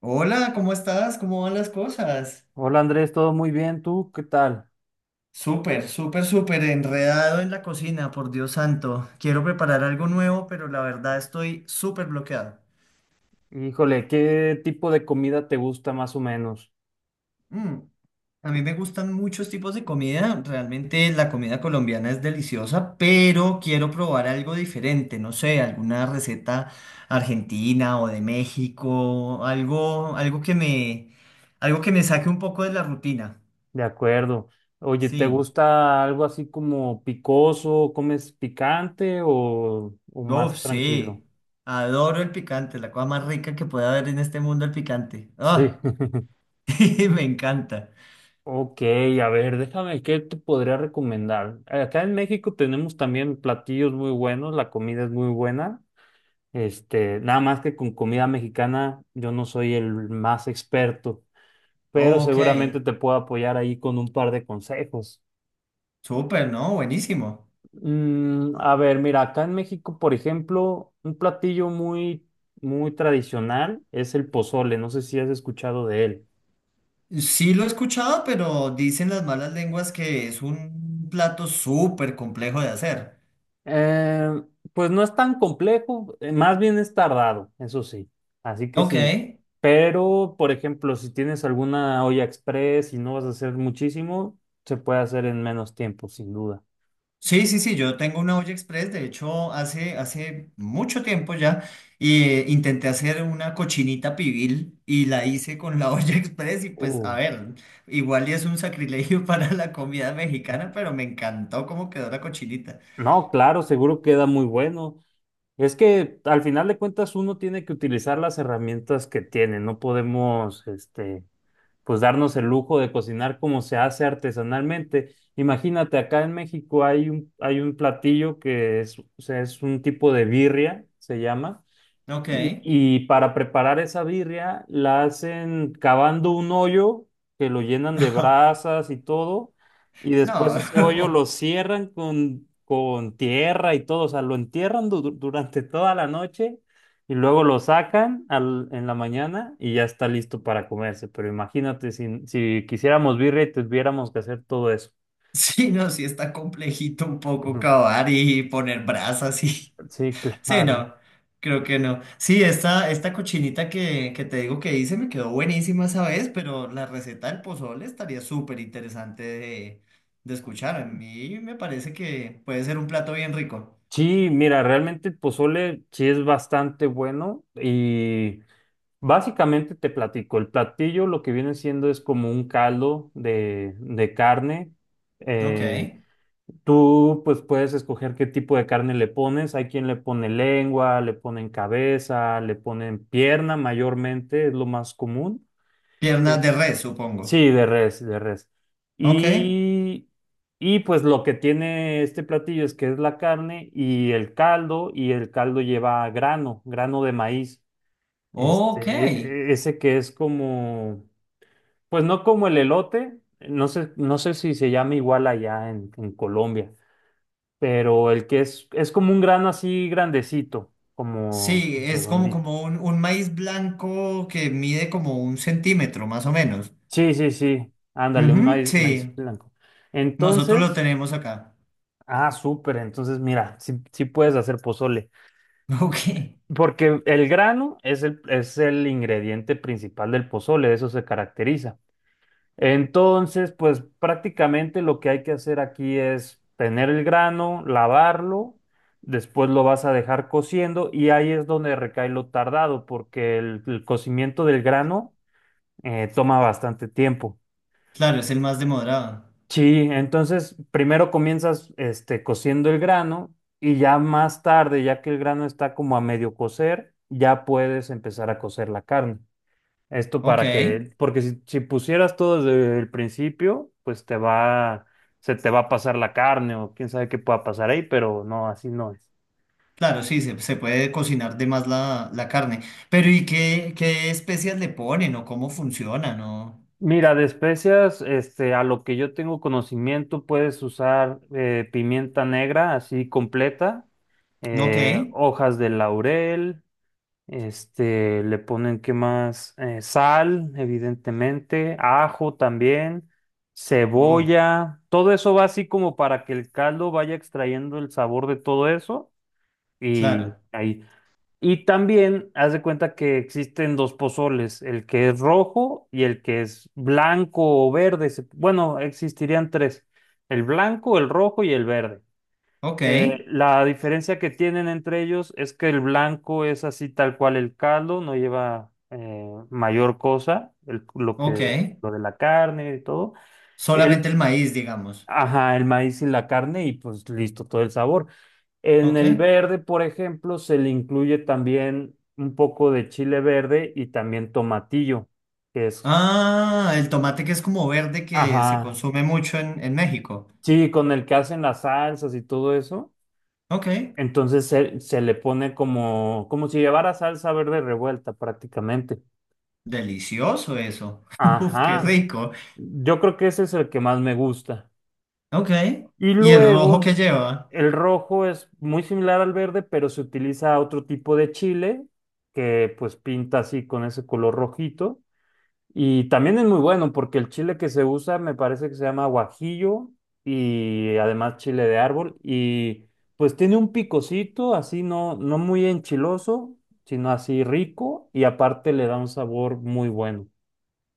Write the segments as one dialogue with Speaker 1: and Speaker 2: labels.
Speaker 1: Hola, ¿cómo estás? ¿Cómo van las cosas?
Speaker 2: Hola Andrés, todo muy bien, ¿tú qué tal?
Speaker 1: Súper, súper, súper enredado en la cocina, por Dios santo. Quiero preparar algo nuevo, pero la verdad estoy súper bloqueado.
Speaker 2: Híjole, ¿qué tipo de comida te gusta más o menos?
Speaker 1: Mm, A mí me gustan muchos tipos de comida. Realmente la comida colombiana es deliciosa, pero quiero probar algo diferente. No sé, alguna receta argentina o de México, algo que me saque un poco de la rutina.
Speaker 2: De acuerdo. Oye, ¿te
Speaker 1: Sí.
Speaker 2: gusta algo así como picoso? ¿Comes picante o
Speaker 1: Uf,
Speaker 2: más tranquilo?
Speaker 1: sí. Adoro el picante, la cosa más rica que puede haber en este mundo, el picante.
Speaker 2: Sí.
Speaker 1: Ah, me encanta.
Speaker 2: Ok, a ver, déjame, ¿qué te podría recomendar? Acá en México tenemos también platillos muy buenos, la comida es muy buena. Este, nada más que con comida mexicana yo no soy el más experto, pero
Speaker 1: Ok,
Speaker 2: seguramente te puedo apoyar ahí con un par de consejos.
Speaker 1: súper, ¿no? Buenísimo.
Speaker 2: A ver, mira, acá en México, por ejemplo, un platillo muy, muy tradicional es el pozole. No sé si has escuchado de él.
Speaker 1: Sí lo he escuchado, pero dicen las malas lenguas que es un plato súper complejo de hacer.
Speaker 2: Eh, pues no es tan complejo, más bien es tardado, eso sí. Así que
Speaker 1: Ok.
Speaker 2: sí. Pero, por ejemplo, si tienes alguna olla express y no vas a hacer muchísimo, se puede hacer en menos tiempo, sin duda.
Speaker 1: Sí, sí, sí, yo tengo una olla express, de hecho, hace mucho tiempo ya, y intenté hacer una cochinita pibil y la hice con la olla express y pues,
Speaker 2: Uh,
Speaker 1: a ver, igual y es un sacrilegio para la comida mexicana, pero me encantó cómo quedó la cochinita.
Speaker 2: no, claro, seguro queda muy bueno. Es que al final de cuentas uno tiene que utilizar las herramientas que tiene, no podemos, este, pues darnos el lujo de cocinar como se hace artesanalmente. Imagínate, acá en México hay un platillo que es, o sea, es un tipo de birria, se llama,
Speaker 1: Ok.
Speaker 2: y para preparar esa birria la hacen cavando un hoyo que lo llenan de brasas y todo, y después ese hoyo
Speaker 1: No,
Speaker 2: lo cierran con tierra y todo, o sea, lo entierran durante toda la noche y luego lo sacan en la mañana y ya está listo para comerse. Pero imagínate si, si quisiéramos birria y tuviéramos que hacer todo eso.
Speaker 1: sí, no, sí está complejito un poco
Speaker 2: Ujú.
Speaker 1: cavar y poner brasas y
Speaker 2: Sí,
Speaker 1: sí,
Speaker 2: claro.
Speaker 1: no, creo que no. Sí, esta cochinita que te digo que hice me quedó buenísima esa vez, pero la receta del pozole estaría súper interesante de escuchar. A mí me parece que puede ser un plato bien rico.
Speaker 2: Sí, mira, realmente el pozole sí es bastante bueno y... básicamente te platico, el platillo lo que viene siendo es como un caldo de carne.
Speaker 1: Ok.
Speaker 2: Eh, Tú pues puedes escoger qué tipo de carne le pones. Hay quien le pone lengua, le ponen cabeza, le ponen pierna mayormente, es lo más común. Eh,
Speaker 1: Piernas de res, supongo.
Speaker 2: sí, de res, de res.
Speaker 1: Ok.
Speaker 2: Y, y pues lo que tiene este platillo es que es la carne y el caldo lleva grano, grano de maíz.
Speaker 1: Ok.
Speaker 2: Este, ese que es como, pues no como el elote, no sé, no sé si se llama igual allá en Colombia, pero el que es como un grano así grandecito, como
Speaker 1: Sí, es como,
Speaker 2: redondito.
Speaker 1: como un maíz blanco que mide como un centímetro, más o menos.
Speaker 2: Sí, sí, sí, ándale, un
Speaker 1: Ujú,
Speaker 2: maíz,
Speaker 1: sí,
Speaker 2: maíz blanco.
Speaker 1: nosotros lo
Speaker 2: Entonces,
Speaker 1: tenemos acá.
Speaker 2: ah, súper, entonces mira, sí, sí puedes hacer pozole,
Speaker 1: Ok.
Speaker 2: porque el grano es el ingrediente principal del pozole, de eso se caracteriza. Entonces, pues prácticamente lo que hay que hacer aquí es tener el grano, lavarlo, después lo vas a dejar cociendo y ahí es donde recae lo tardado, porque el cocimiento del grano toma bastante tiempo.
Speaker 1: Claro, es el más demorado.
Speaker 2: Sí, entonces primero comienzas este, cociendo el grano y ya más tarde, ya que el grano está como a medio cocer, ya puedes empezar a cocer la carne. Esto
Speaker 1: Ok.
Speaker 2: para que, porque si, si pusieras todo desde el principio, pues te va, se te va a pasar la carne o quién sabe qué pueda pasar ahí, pero no, así no es.
Speaker 1: Claro, sí, se puede cocinar de más la carne. Pero ¿y qué, qué especias le ponen o cómo funcionan? ¿O...
Speaker 2: Mira, de especias, este, a lo que yo tengo conocimiento, puedes usar pimienta negra así completa,
Speaker 1: Ok.
Speaker 2: hojas de laurel. Este, le ponen, ¿qué más? Sal, evidentemente, ajo también,
Speaker 1: Oh,
Speaker 2: cebolla, todo eso va así como para que el caldo vaya extrayendo el sabor de todo eso y
Speaker 1: claro.
Speaker 2: ahí. Y también haz de cuenta que existen dos pozoles, el que es rojo y el que es blanco o verde. Bueno, existirían tres, el blanco, el rojo y el verde.
Speaker 1: Ok.
Speaker 2: La diferencia que tienen entre ellos es que el blanco es así tal cual el caldo, no lleva mayor cosa, lo
Speaker 1: Ok.
Speaker 2: que, lo de la carne y todo. El,
Speaker 1: Solamente el maíz, digamos.
Speaker 2: ajá, el maíz y la carne y pues listo, todo el sabor. En el
Speaker 1: Ok.
Speaker 2: verde, por ejemplo, se le incluye también un poco de chile verde y también tomatillo, que es,
Speaker 1: Ah, el tomate que es como verde que se
Speaker 2: ajá,
Speaker 1: consume mucho en México.
Speaker 2: sí, con el que hacen las salsas y todo eso.
Speaker 1: Ok.
Speaker 2: Entonces se le pone como, como si llevara salsa verde revuelta prácticamente.
Speaker 1: Delicioso eso. Uf, qué
Speaker 2: Ajá.
Speaker 1: rico.
Speaker 2: Yo creo que ese es el que más me gusta.
Speaker 1: Ok.
Speaker 2: Y
Speaker 1: ¿Y el rojo que
Speaker 2: luego,
Speaker 1: lleva?
Speaker 2: el rojo es muy similar al verde, pero se utiliza otro tipo de chile que pues pinta así con ese color rojito. Y también es muy bueno porque el chile que se usa me parece que se llama guajillo y además chile de árbol y pues tiene un picocito así no, no muy enchiloso, sino así rico y aparte le da un sabor muy bueno.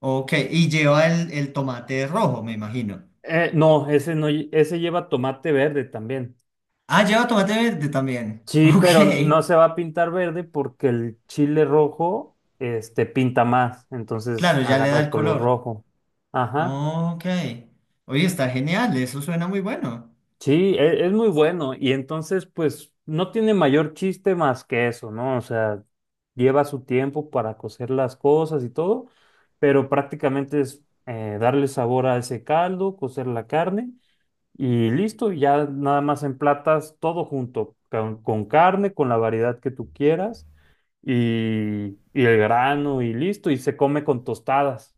Speaker 1: Ok. Y lleva el tomate rojo, me imagino.
Speaker 2: No, ese no, ese lleva tomate verde también.
Speaker 1: Ah, lleva tomate verde también.
Speaker 2: Sí, pero no
Speaker 1: Ok.
Speaker 2: se va a pintar verde porque el chile rojo este pinta más, entonces
Speaker 1: Claro, ya le da
Speaker 2: agarra
Speaker 1: el
Speaker 2: color
Speaker 1: color.
Speaker 2: rojo. Ajá.
Speaker 1: Ok. Oye, está genial. Eso suena muy bueno.
Speaker 2: Sí, es muy bueno y entonces pues no tiene mayor chiste más que eso, ¿no? O sea, lleva su tiempo para cocer las cosas y todo, pero prácticamente es darle sabor a ese caldo, cocer la carne y listo, y ya nada más emplatas todo junto, con carne, con la variedad que tú quieras y el grano y listo, y se come con tostadas.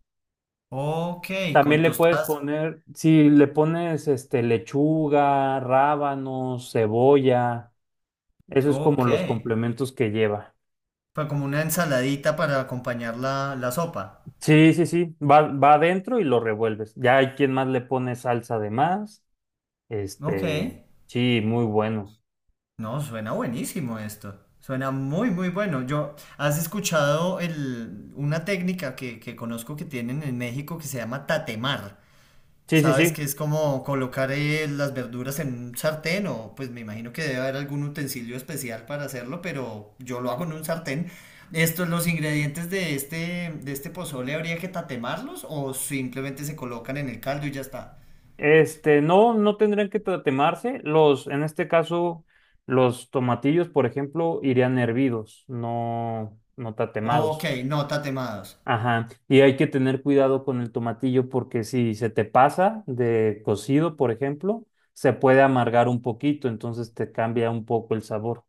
Speaker 1: Ok,
Speaker 2: También
Speaker 1: con
Speaker 2: le puedes
Speaker 1: tostadas.
Speaker 2: poner, si le pones este lechuga, rábanos, cebolla, eso es
Speaker 1: Ok.
Speaker 2: como los complementos que lleva.
Speaker 1: Fue como una ensaladita para acompañar la, la sopa.
Speaker 2: Sí, sí, sí, va, va adentro y lo revuelves. Ya hay quien más le pone salsa de más.
Speaker 1: Ok.
Speaker 2: Este, sí, muy bueno.
Speaker 1: No, suena buenísimo esto. Suena muy, muy bueno. Yo, ¿has escuchado el, una técnica que conozco que tienen en México que se llama tatemar?
Speaker 2: Sí, sí,
Speaker 1: Sabes
Speaker 2: sí.
Speaker 1: que es como colocar las verduras en un sartén o pues me imagino que debe haber algún utensilio especial para hacerlo, pero yo lo hago en un sartén. Estos, los ingredientes de este pozole, ¿habría que tatemarlos o simplemente se colocan en el caldo y ya está?
Speaker 2: Este, no, no tendrían que tatemarse. Los, en este caso, los tomatillos, por ejemplo, irían hervidos, no, no tatemados.
Speaker 1: Ok, no tatemados.
Speaker 2: Ajá, y hay que tener cuidado con el tomatillo porque si se te pasa de cocido, por ejemplo, se puede amargar un poquito, entonces te cambia un poco el sabor.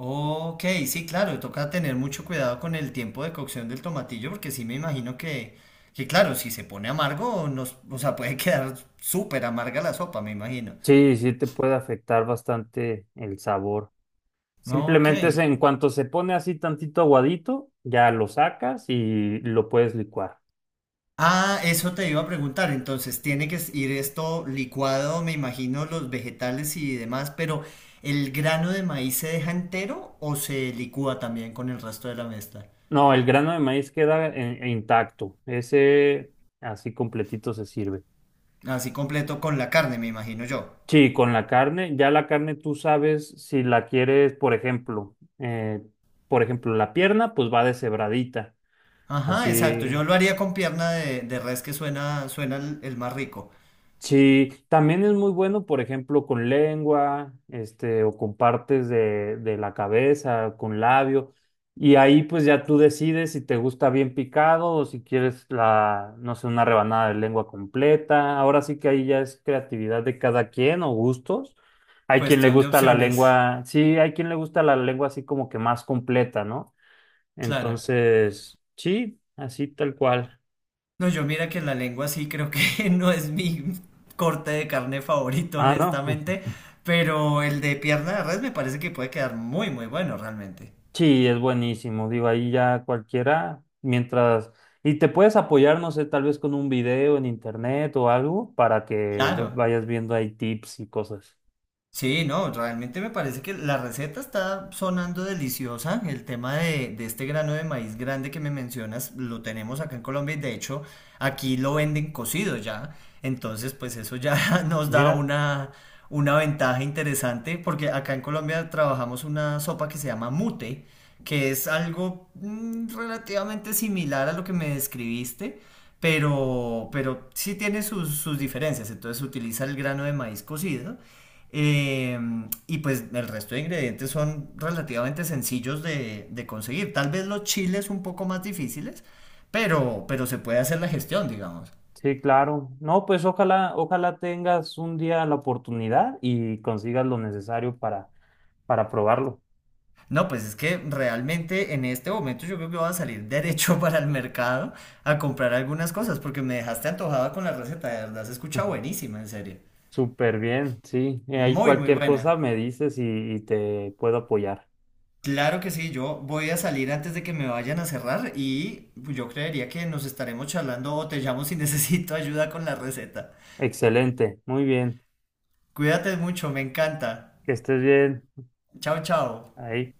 Speaker 1: Ok, sí, claro, toca tener mucho cuidado con el tiempo de cocción del tomatillo porque sí me imagino que claro, si se pone amargo, nos, o sea, puede quedar súper amarga la sopa, me imagino.
Speaker 2: Sí, sí te puede afectar bastante el sabor.
Speaker 1: Ok.
Speaker 2: Simplemente es en cuanto se pone así tantito aguadito, ya lo sacas y lo puedes licuar.
Speaker 1: Ah, eso te iba a preguntar. Entonces, tiene que ir esto licuado, me imagino, los vegetales y demás, pero ¿el grano de maíz se deja entero o se licúa también con el resto de la mezcla?
Speaker 2: No, el grano de maíz queda intacto, ese así completito se sirve.
Speaker 1: Así completo con la carne, me imagino yo.
Speaker 2: Sí, con la carne, ya la carne tú sabes si la quieres, por ejemplo, la pierna, pues va deshebradita,
Speaker 1: Ajá, exacto.
Speaker 2: así.
Speaker 1: Yo lo haría con pierna de res que suena, suena el más rico.
Speaker 2: Sí, también es muy bueno, por ejemplo, con lengua, este, o con partes de la cabeza, con labio, y ahí pues ya tú decides si te gusta bien picado o si quieres la, no sé, una rebanada de lengua completa. Ahora sí que ahí ya es creatividad de cada quien o gustos. Hay quien le
Speaker 1: Cuestión de
Speaker 2: gusta la
Speaker 1: opciones.
Speaker 2: lengua, sí, hay quien le gusta la lengua así como que más completa, ¿no?
Speaker 1: Claro.
Speaker 2: Entonces, sí, así tal cual.
Speaker 1: No, yo mira que la lengua sí creo que no es mi corte de carne favorito,
Speaker 2: Ah, no.
Speaker 1: honestamente, pero el de pierna de res me parece que puede quedar muy, muy bueno realmente.
Speaker 2: Sí, es buenísimo. Digo, ahí ya cualquiera, mientras... y te puedes apoyar, no sé, tal vez con un video en internet o algo para que
Speaker 1: Claro.
Speaker 2: vayas viendo ahí tips y cosas.
Speaker 1: Sí, no, realmente me parece que la receta está sonando deliciosa. El tema de este grano de maíz grande que me mencionas lo tenemos acá en Colombia y de hecho aquí lo venden cocido ya. Entonces, pues eso ya nos da
Speaker 2: Mira,
Speaker 1: una ventaja interesante porque acá en Colombia trabajamos una sopa que se llama mute, que es algo mm, relativamente similar a lo que me describiste. Pero sí tiene sus, sus diferencias. Entonces utiliza el grano de maíz cocido eh, y pues el resto de ingredientes son relativamente sencillos de conseguir. Tal vez los chiles un poco más difíciles, pero se puede hacer la gestión, digamos.
Speaker 2: sí, claro. No, pues ojalá, ojalá tengas un día la oportunidad y consigas lo necesario para probarlo.
Speaker 1: No, pues es que realmente en este momento yo creo que voy a salir derecho para el mercado a comprar algunas cosas, porque me dejaste antojada con la receta, de verdad se escucha buenísima, en serio.
Speaker 2: Súper bien, sí. Ahí
Speaker 1: Muy, muy
Speaker 2: cualquier cosa
Speaker 1: buena.
Speaker 2: me dices y te puedo apoyar.
Speaker 1: Claro que sí, yo voy a salir antes de que me vayan a cerrar y yo creería que nos estaremos charlando o te llamo si necesito ayuda con la receta.
Speaker 2: Excelente, muy bien.
Speaker 1: Cuídate mucho, me encanta.
Speaker 2: Que estés bien.
Speaker 1: Chao, chao.
Speaker 2: Ahí.